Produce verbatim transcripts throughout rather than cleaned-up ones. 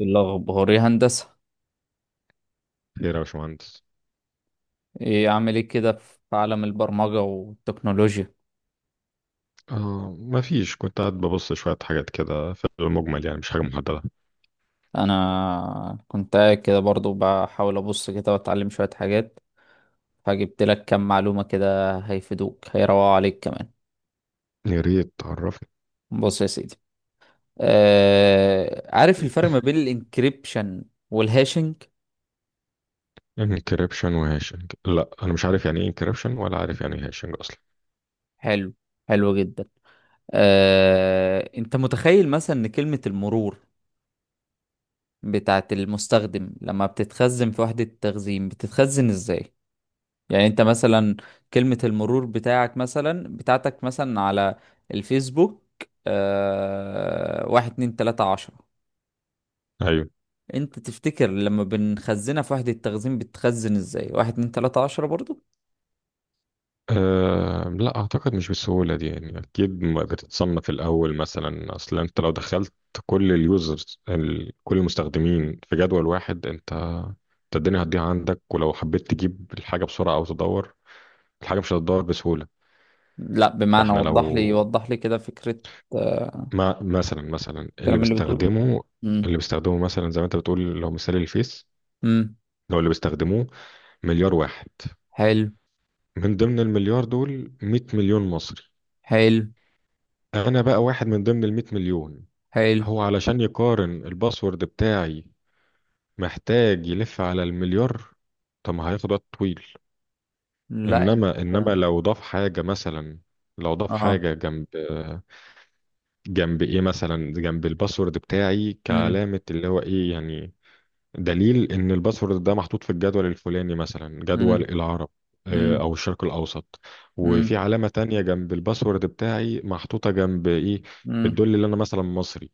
الأخباري هندسة، خير يا باشمهندس. إيه أعمل إيه كده في عالم البرمجة والتكنولوجيا؟ آه، ما فيش، كنت قاعد ببص شوية حاجات كده، في المجمل يعني مش حاجة محددة. أنا كنت قاعد كده برضو بحاول أبص كده وأتعلم شوية حاجات. فجبت لك كام معلومة كده، هيفيدوك، هيروقوا عليك كمان. يا ريت تعرفني. بص يا سيدي. آه، عارف الفرق ما بين الانكريبشن والهاشنج؟ انكريبشن وهاشنج، لا أنا مش عارف يعني ايه انكريبشن، ولا عارف يعني ايه هاشنج أصلا. حلو، حلو جدا. آه، أنت متخيل مثلا إن كلمة المرور بتاعت المستخدم لما بتتخزن في وحدة التخزين بتتخزن إزاي؟ يعني انت مثلا، كلمة المرور بتاعك مثلا، بتاعتك مثلا، على الفيسبوك. آه... واحد اتنين تلاتة عشرة. أيوه. انت تفتكر لما بنخزنها في وحدة التخزين بتخزن ازاي؟ واحد اتنين تلاتة عشرة برضو؟ آه، لا أعتقد، مش بالسهولة دي يعني، أكيد ما بتتصنف الأول مثلا. أصلا أنت لو دخلت كل اليوزرز ال- كل المستخدمين في جدول واحد، أنت أنت الدنيا هتضيع عندك، ولو حبيت تجيب الحاجة بسرعة أو تدور الحاجة مش هتدور بسهولة. لا، بمعنى، فاحنا وضح لو لي وضح لي كده فكرة. آه... ما مثلا مثلا اللي الكلام اللي بتقوله. بيستخدمه امم اللي بيستخدمه مثلا، زي ما انت بتقول، لو مثال الفيس، امم لو اللي بيستخدموه مليار واحد. حلو، من ضمن المليار دول مئة مليون مصري، حلو، انا بقى واحد من ضمن ال مئة مليون. حلو. هو علشان يقارن الباسورد بتاعي محتاج يلف على المليار، طب ما هياخد وقت طويل. لا، انت. انما انما لو ضاف حاجة مثلا لو ضاف اه حاجة جنب جنب ايه مثلا، جنب الباسورد بتاعي امم كعلامة، اللي هو ايه يعني، دليل ان الباسورد ده محطوط في الجدول الفلاني، مثلا جدول امم العرب. آه، امم او الشرق الاوسط. وفي علامة تانية جنب الباسورد بتاعي محطوطة جنب ايه، امم بتدل ان انا مثلا مصري.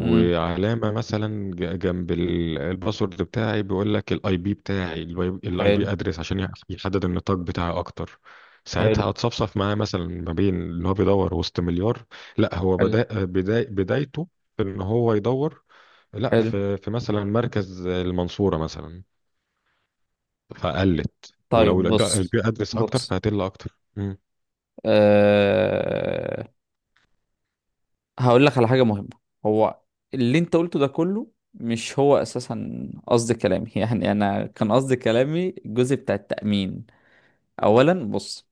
امم مثلا ج- جنب ال- الباسورد بتاعي بيقول لك الاي بي بتاعي، الاي حلو، بي ادرس عشان يح- يحدد النطاق بتاعي اكتر. حلو، ساعتها هتصفصف معاه، مثلا ما بين ان هو بيدور وسط مليار، لا هو حلو، بدأ بدا بدايته في ان هو يدور، لا حلو. في في مثلا مركز المنصورة مثلا. فقلت ولو طيب، الد- بص، البيئة أدرس أكتر بص. فهتقل أكتر مم. أه... هقول لك على حاجة مهمة. هو اللي انت قلته ده كله مش هو اساسا قصد كلامي. يعني انا كان قصد كلامي الجزء بتاع التأمين. اولا، بص.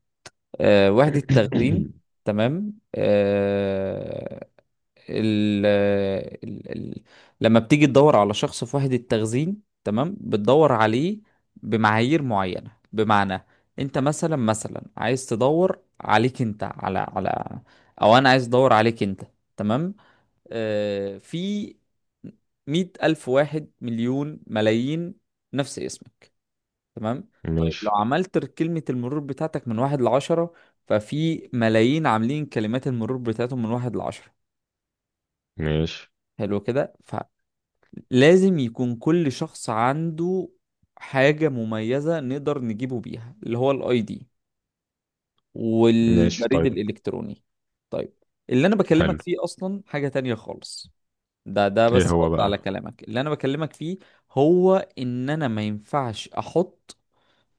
أه... وحدة تخزين، تمام. أه... ال ال ال لما بتيجي تدور على شخص في وحدة تخزين، تمام، بتدور عليه بمعايير معينة، بمعنى، انت مثلا، مثلا عايز تدور عليك انت، على على، او انا عايز ادور عليك انت، تمام. آه، في مية ألف، واحد مليون، ملايين نفس اسمك، تمام. طيب، لو ماشي. عملت كلمة المرور بتاعتك من واحد لعشرة، ففي ملايين عاملين كلمات المرور بتاعتهم من واحد لعشرة. ماشي. حلو كده، لازم يكون كل شخص عنده حاجة مميزة نقدر نجيبه بيها، اللي هو الاي دي ماشي، والبريد طيب. الالكتروني. طيب، اللي انا بكلمك حلو. فيه اصلا حاجة تانية خالص. ده ده إيه بس رد هو على بقى؟ كلامك اللي انا بكلمك فيه. هو ان انا ما ينفعش احط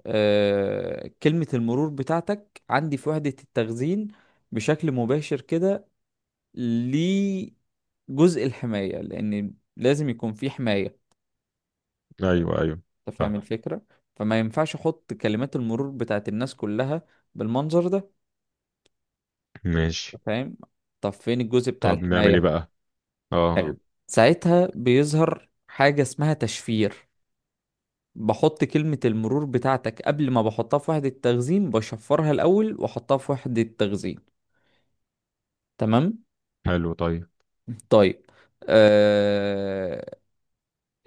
آه كلمة المرور بتاعتك عندي في وحدة التخزين بشكل مباشر كده، لجزء الحماية، لان لازم يكون في حماية. أيوه، أيوه. انت فاهم فاهم. الفكرة؟ فما ينفعش احط كلمات المرور بتاعت الناس كلها بالمنظر ده. ماشي. انت فاهم؟ طب فين الجزء بتاع طب نعمل إيه الحماية؟ بقى؟ أه. حلو. ساعتها بيظهر حاجة اسمها تشفير، بحط كلمة المرور بتاعتك قبل ما بحطها في وحدة تخزين، بشفرها الأول وأحطها في وحدة تخزين، تمام. حلو، طيب. طيب. آه...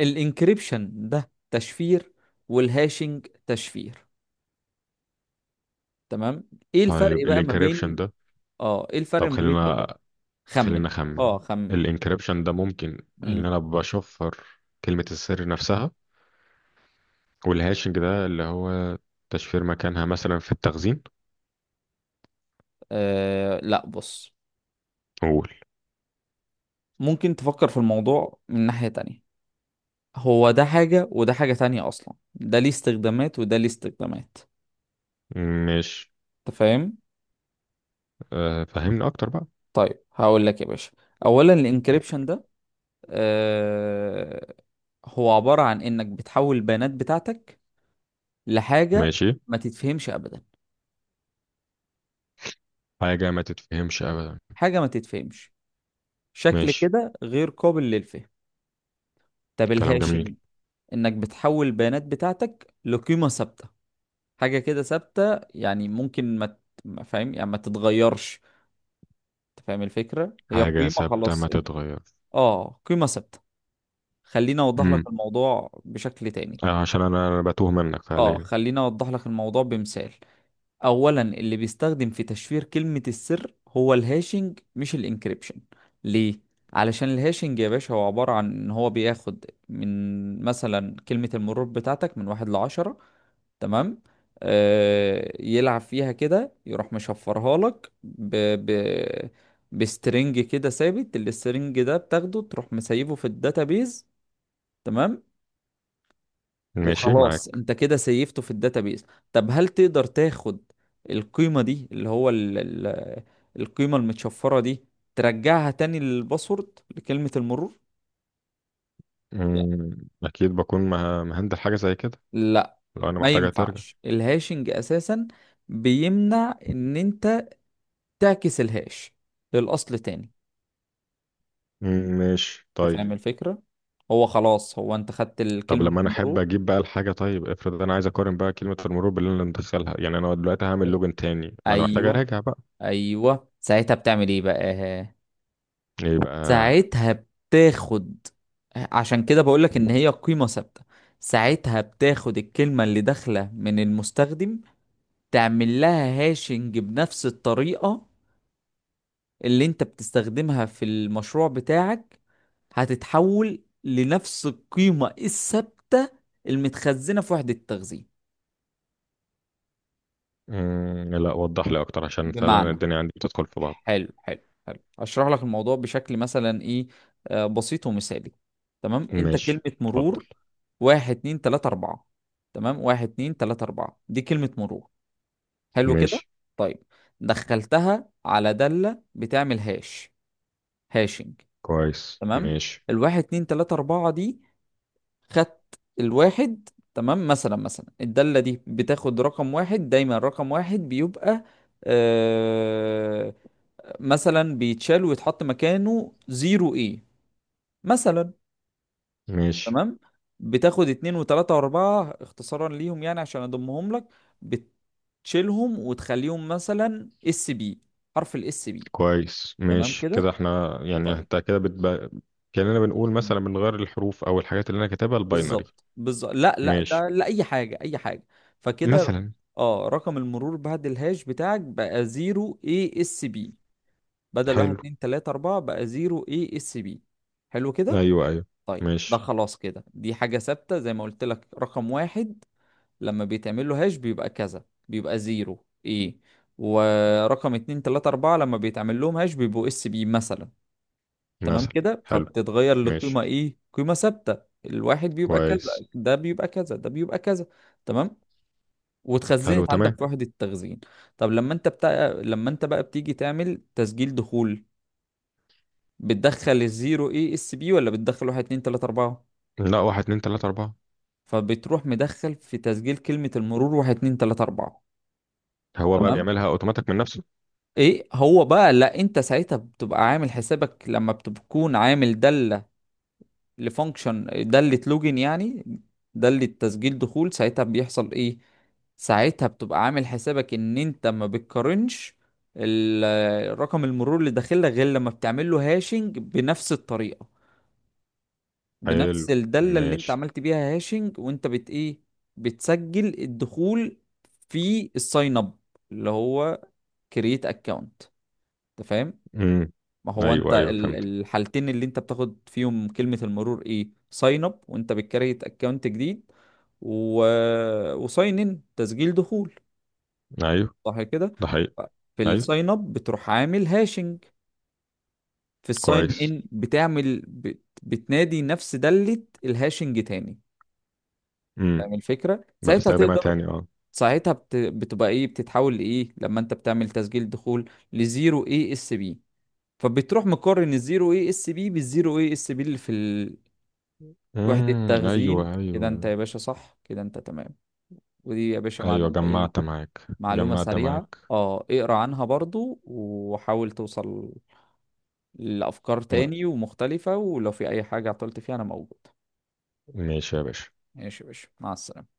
الانكريبشن ده تشفير، والهاشing تشفير، تمام. ايه الفرق طيب بقى ما الانكريبشن بين ده، اه ايه الفرق طب ما بين ده خلينا، وده؟ خلينا خمن. اه، أخمن. خمن. الانكريبشن ده ممكن إن مم. أنا بشفر كلمة السر نفسها، والهاشنج ده اللي هو تشفير مكانها مثلا في التخزين. آه، لا. بص، قول. ممكن تفكر في الموضوع من ناحية تانية. هو ده حاجة وده حاجة تانية، أصلا ده ليه استخدامات وده ليه استخدامات. ماشي. أنت فاهم؟ آه، فهمني اكتر بقى. طيب، هقول لك يا باشا. أولا، الإنكريبشن ده، آه هو عبارة عن إنك بتحول البيانات بتاعتك لحاجة ماشي. ما تتفهمش أبدا. حاجة ما تتفهمش ابدا. حاجة ما تتفهمش، شكل ماشي. كده غير قابل للفهم. طب كلام الهاشing، جميل. إنك بتحول البيانات بتاعتك لقيمة ثابتة. حاجة كده ثابتة، يعني ممكن ما ت- ما فاهم، يعني ما تتغيرش. انت فاهم الفكرة؟ هي حاجة قيمة، ثابتة خلاص، ما انت. تتغير. اه، قيمة ثابتة. خليني اوضح لك امم الموضوع بشكل تاني. آه، عشان انا أنا بتوه منك اه، فعليا. خليني اوضح لك الموضوع بمثال. اولا، اللي بيستخدم في تشفير كلمة السر هو الهاشنج، مش الانكريبشن. ليه؟ علشان الهاشنج يا باشا، هو عبارة عن ان هو بياخد من مثلا كلمة المرور بتاعتك من واحد لعشرة، تمام. آه يلعب فيها كده، يروح مشفرها لك ب... ب... بسترنج كده ثابت. السترنج ده بتاخده تروح مسيبه في الداتابيز، تمام. ماشي وخلاص، معاك. انت كده سيفته في الداتابيز. طب، هل تقدر تاخد القيمة دي، اللي هو ال... ال... القيمة المتشفرة دي، ترجعها تاني للباسورد، لكلمة المرور؟ مم. اكيد بكون مه- مهندل حاجة زي كده. لا، لو انا ما محتاجة ترجع. ينفعش. الهاشنج اساسا بيمنع ان انت تعكس الهاش للأصل تاني. مم، ماشي أنت طيب. فاهم الفكرة؟ هو خلاص، هو أنت خدت ال- طب كلمة لما انا احب المرور. اجيب بقى الحاجة، طيب افرض انا عايز اقارن بقى كلمة المرور باللي انا مدخلها، يعني انا دلوقتي هعمل أي- لوجن تاني، ما انا محتاج أيوه، اراجع بقى. أيوه. ساعتها بتعمل إيه بقى؟ يبقى. ساعتها بتاخد عشان كده بقولك إن هي قيمة ثابتة. ساعتها بتاخد الكلمة اللي داخلة من المستخدم، تعمل لها هاشنج بنفس الطريقة اللي انت بتستخدمها في المشروع بتاعك، هتتحول لنفس القيمة الثابتة المتخزنة في وحدة التخزين. مم، لا وضح لي اكتر عشان بمعنى فعلا جميل. الدنيا عندي بتدخل في بعض. حلو، حلو، حلو. هشرح لك الموضوع بشكل مثلا ايه؟ آه، بسيط ومثالي. تمام، انت كلمة ماشي، اتفضل. مرور واحد اتنين تلاتة أربعة. تمام، واحد اتنين تلاتة أربعة دي كلمة مرور، حلو كده، ماشي. طيب. دخلتها على دالة بتعمل هاش، هاشنج، كويس، تمام. ماشي. الواحد اتنين تلاتة أربعة دي، خدت الواحد، تمام. مثلا، مثلا الدالة دي بتاخد رقم واحد دايما. رقم واحد بيبقى آه مثلا بيتشال ويتحط مكانه زيرو ايه مثلا، ماشي. تمام. بتاخد اتنين وتلاتة واربعة اختصارا ليهم، يعني عشان اضمهم لك، بتشيلهم وتخليهم مثلا اس بي. حرف الاس بي، كويس تمام ماشي كده، كده احنا يعني طيب. انت كده بتبقى كأننا بنقول مثلا بنغير الحروف او الحاجات اللي انا كاتبها الباينري بالظبط، بالظبط. لا، لا، ماشي ده لا. اي حاجه، اي حاجه. فكده، مثلا. اه، رقم المرور بعد الهاش بتاعك بقى صفر اي اس بي، بدل واحد حلو. اتنين ثلاثة اربعة بقى صفر اي اس بي. حلو كده، ايوه، ايوه. طيب. ده ماشي. خلاص كده، دي حاجه ثابته زي ما قلت لك. رقم واحد لما بيتعمل له هاش بيبقى كذا، بيبقى صفر اي. ورقم اثنين ثلاثة اربعة لما بيتعمل لهم هاش بيبقوا اس بي مثلا. تمام مثلا. كده، حلو. فبتتغير ماشي. لقيمة ايه؟ قيمة ثابتة. الواحد بيبقى كذا، كويس. ده بيبقى كذا، ده بيبقى كذا، تمام. حلو، واتخزنت عندك تمام. في وحدة التخزين. طب لما انت بتاع لما انت بقى بتيجي تعمل تسجيل دخول، بتدخل الزيرو ايه اس بي ولا بتدخل واحد اتنين تلاتة اربعة؟ لا، واحد اتنين تلاتة أربعة. فبتروح مدخل في تسجيل كلمة المرور واحد اتنين تلاتة اربعة، هو بقى تمام. بيعملها اوتوماتيك من نفسه؟ ايه هو بقى؟ لا، انت ساعتها بتبقى عامل حسابك لما بتكون عامل دالة، لفانكشن، دالة لوجن يعني، دالة تسجيل دخول. ساعتها بيحصل ايه؟ ساعتها بتبقى عامل حسابك ان انت ما بتقارنش ال- رقم المرور اللي داخل لك، غير لما بتعمل له هاشنج بنفس الطريقة، حلو. بنفس الدالة اللي انت ماشي. عملت بيها هاشنج. وانت بت ايه؟ بتسجل الدخول في الساين اب، اللي هو كرييت اكونت. انت فاهم؟ امم. ما هو انت ايوه، يعني ايوه، ال- فهمت. الحالتين اللي انت بتاخد فيهم كلمة المرور ايه: ساين اب وانت بتكريت اكونت جديد، و... وساين ان تسجيل دخول، ايوه. صح كده؟ ده حقيقي. في ايوه. الساين اب بتروح عامل هاشنج. في الساين كويس. ان بتعمل بت... بتنادي نفس دالة الهاشنج تاني. امم. فاهم الفكرة؟ ساعتها بستخدمها تقدر. تاني، اه. ساعتها بت... بتبقى ايه؟ بتتحول لايه لما انت بتعمل تسجيل دخول لزيرو اي اس بي؟ فبتروح مقارن الزيرو اي اس بي بالزيرو اي اس بي اللي في وحدة امم. تخزين، ايوه، كده انت ايوه. يا باشا، صح كده، انت تمام. ودي يا باشا ايوه، معلومة ايه؟ جمعت معاك، معلومة جمعت سريعة. معاك. اه، اقرا عنها برضو، وحاول توصل لأفكار لا. تاني ومختلفة، ولو في أي حاجة عطلت فيها أنا موجود. ماشي يا باشا. ماشي يا باشا، مع السلامة.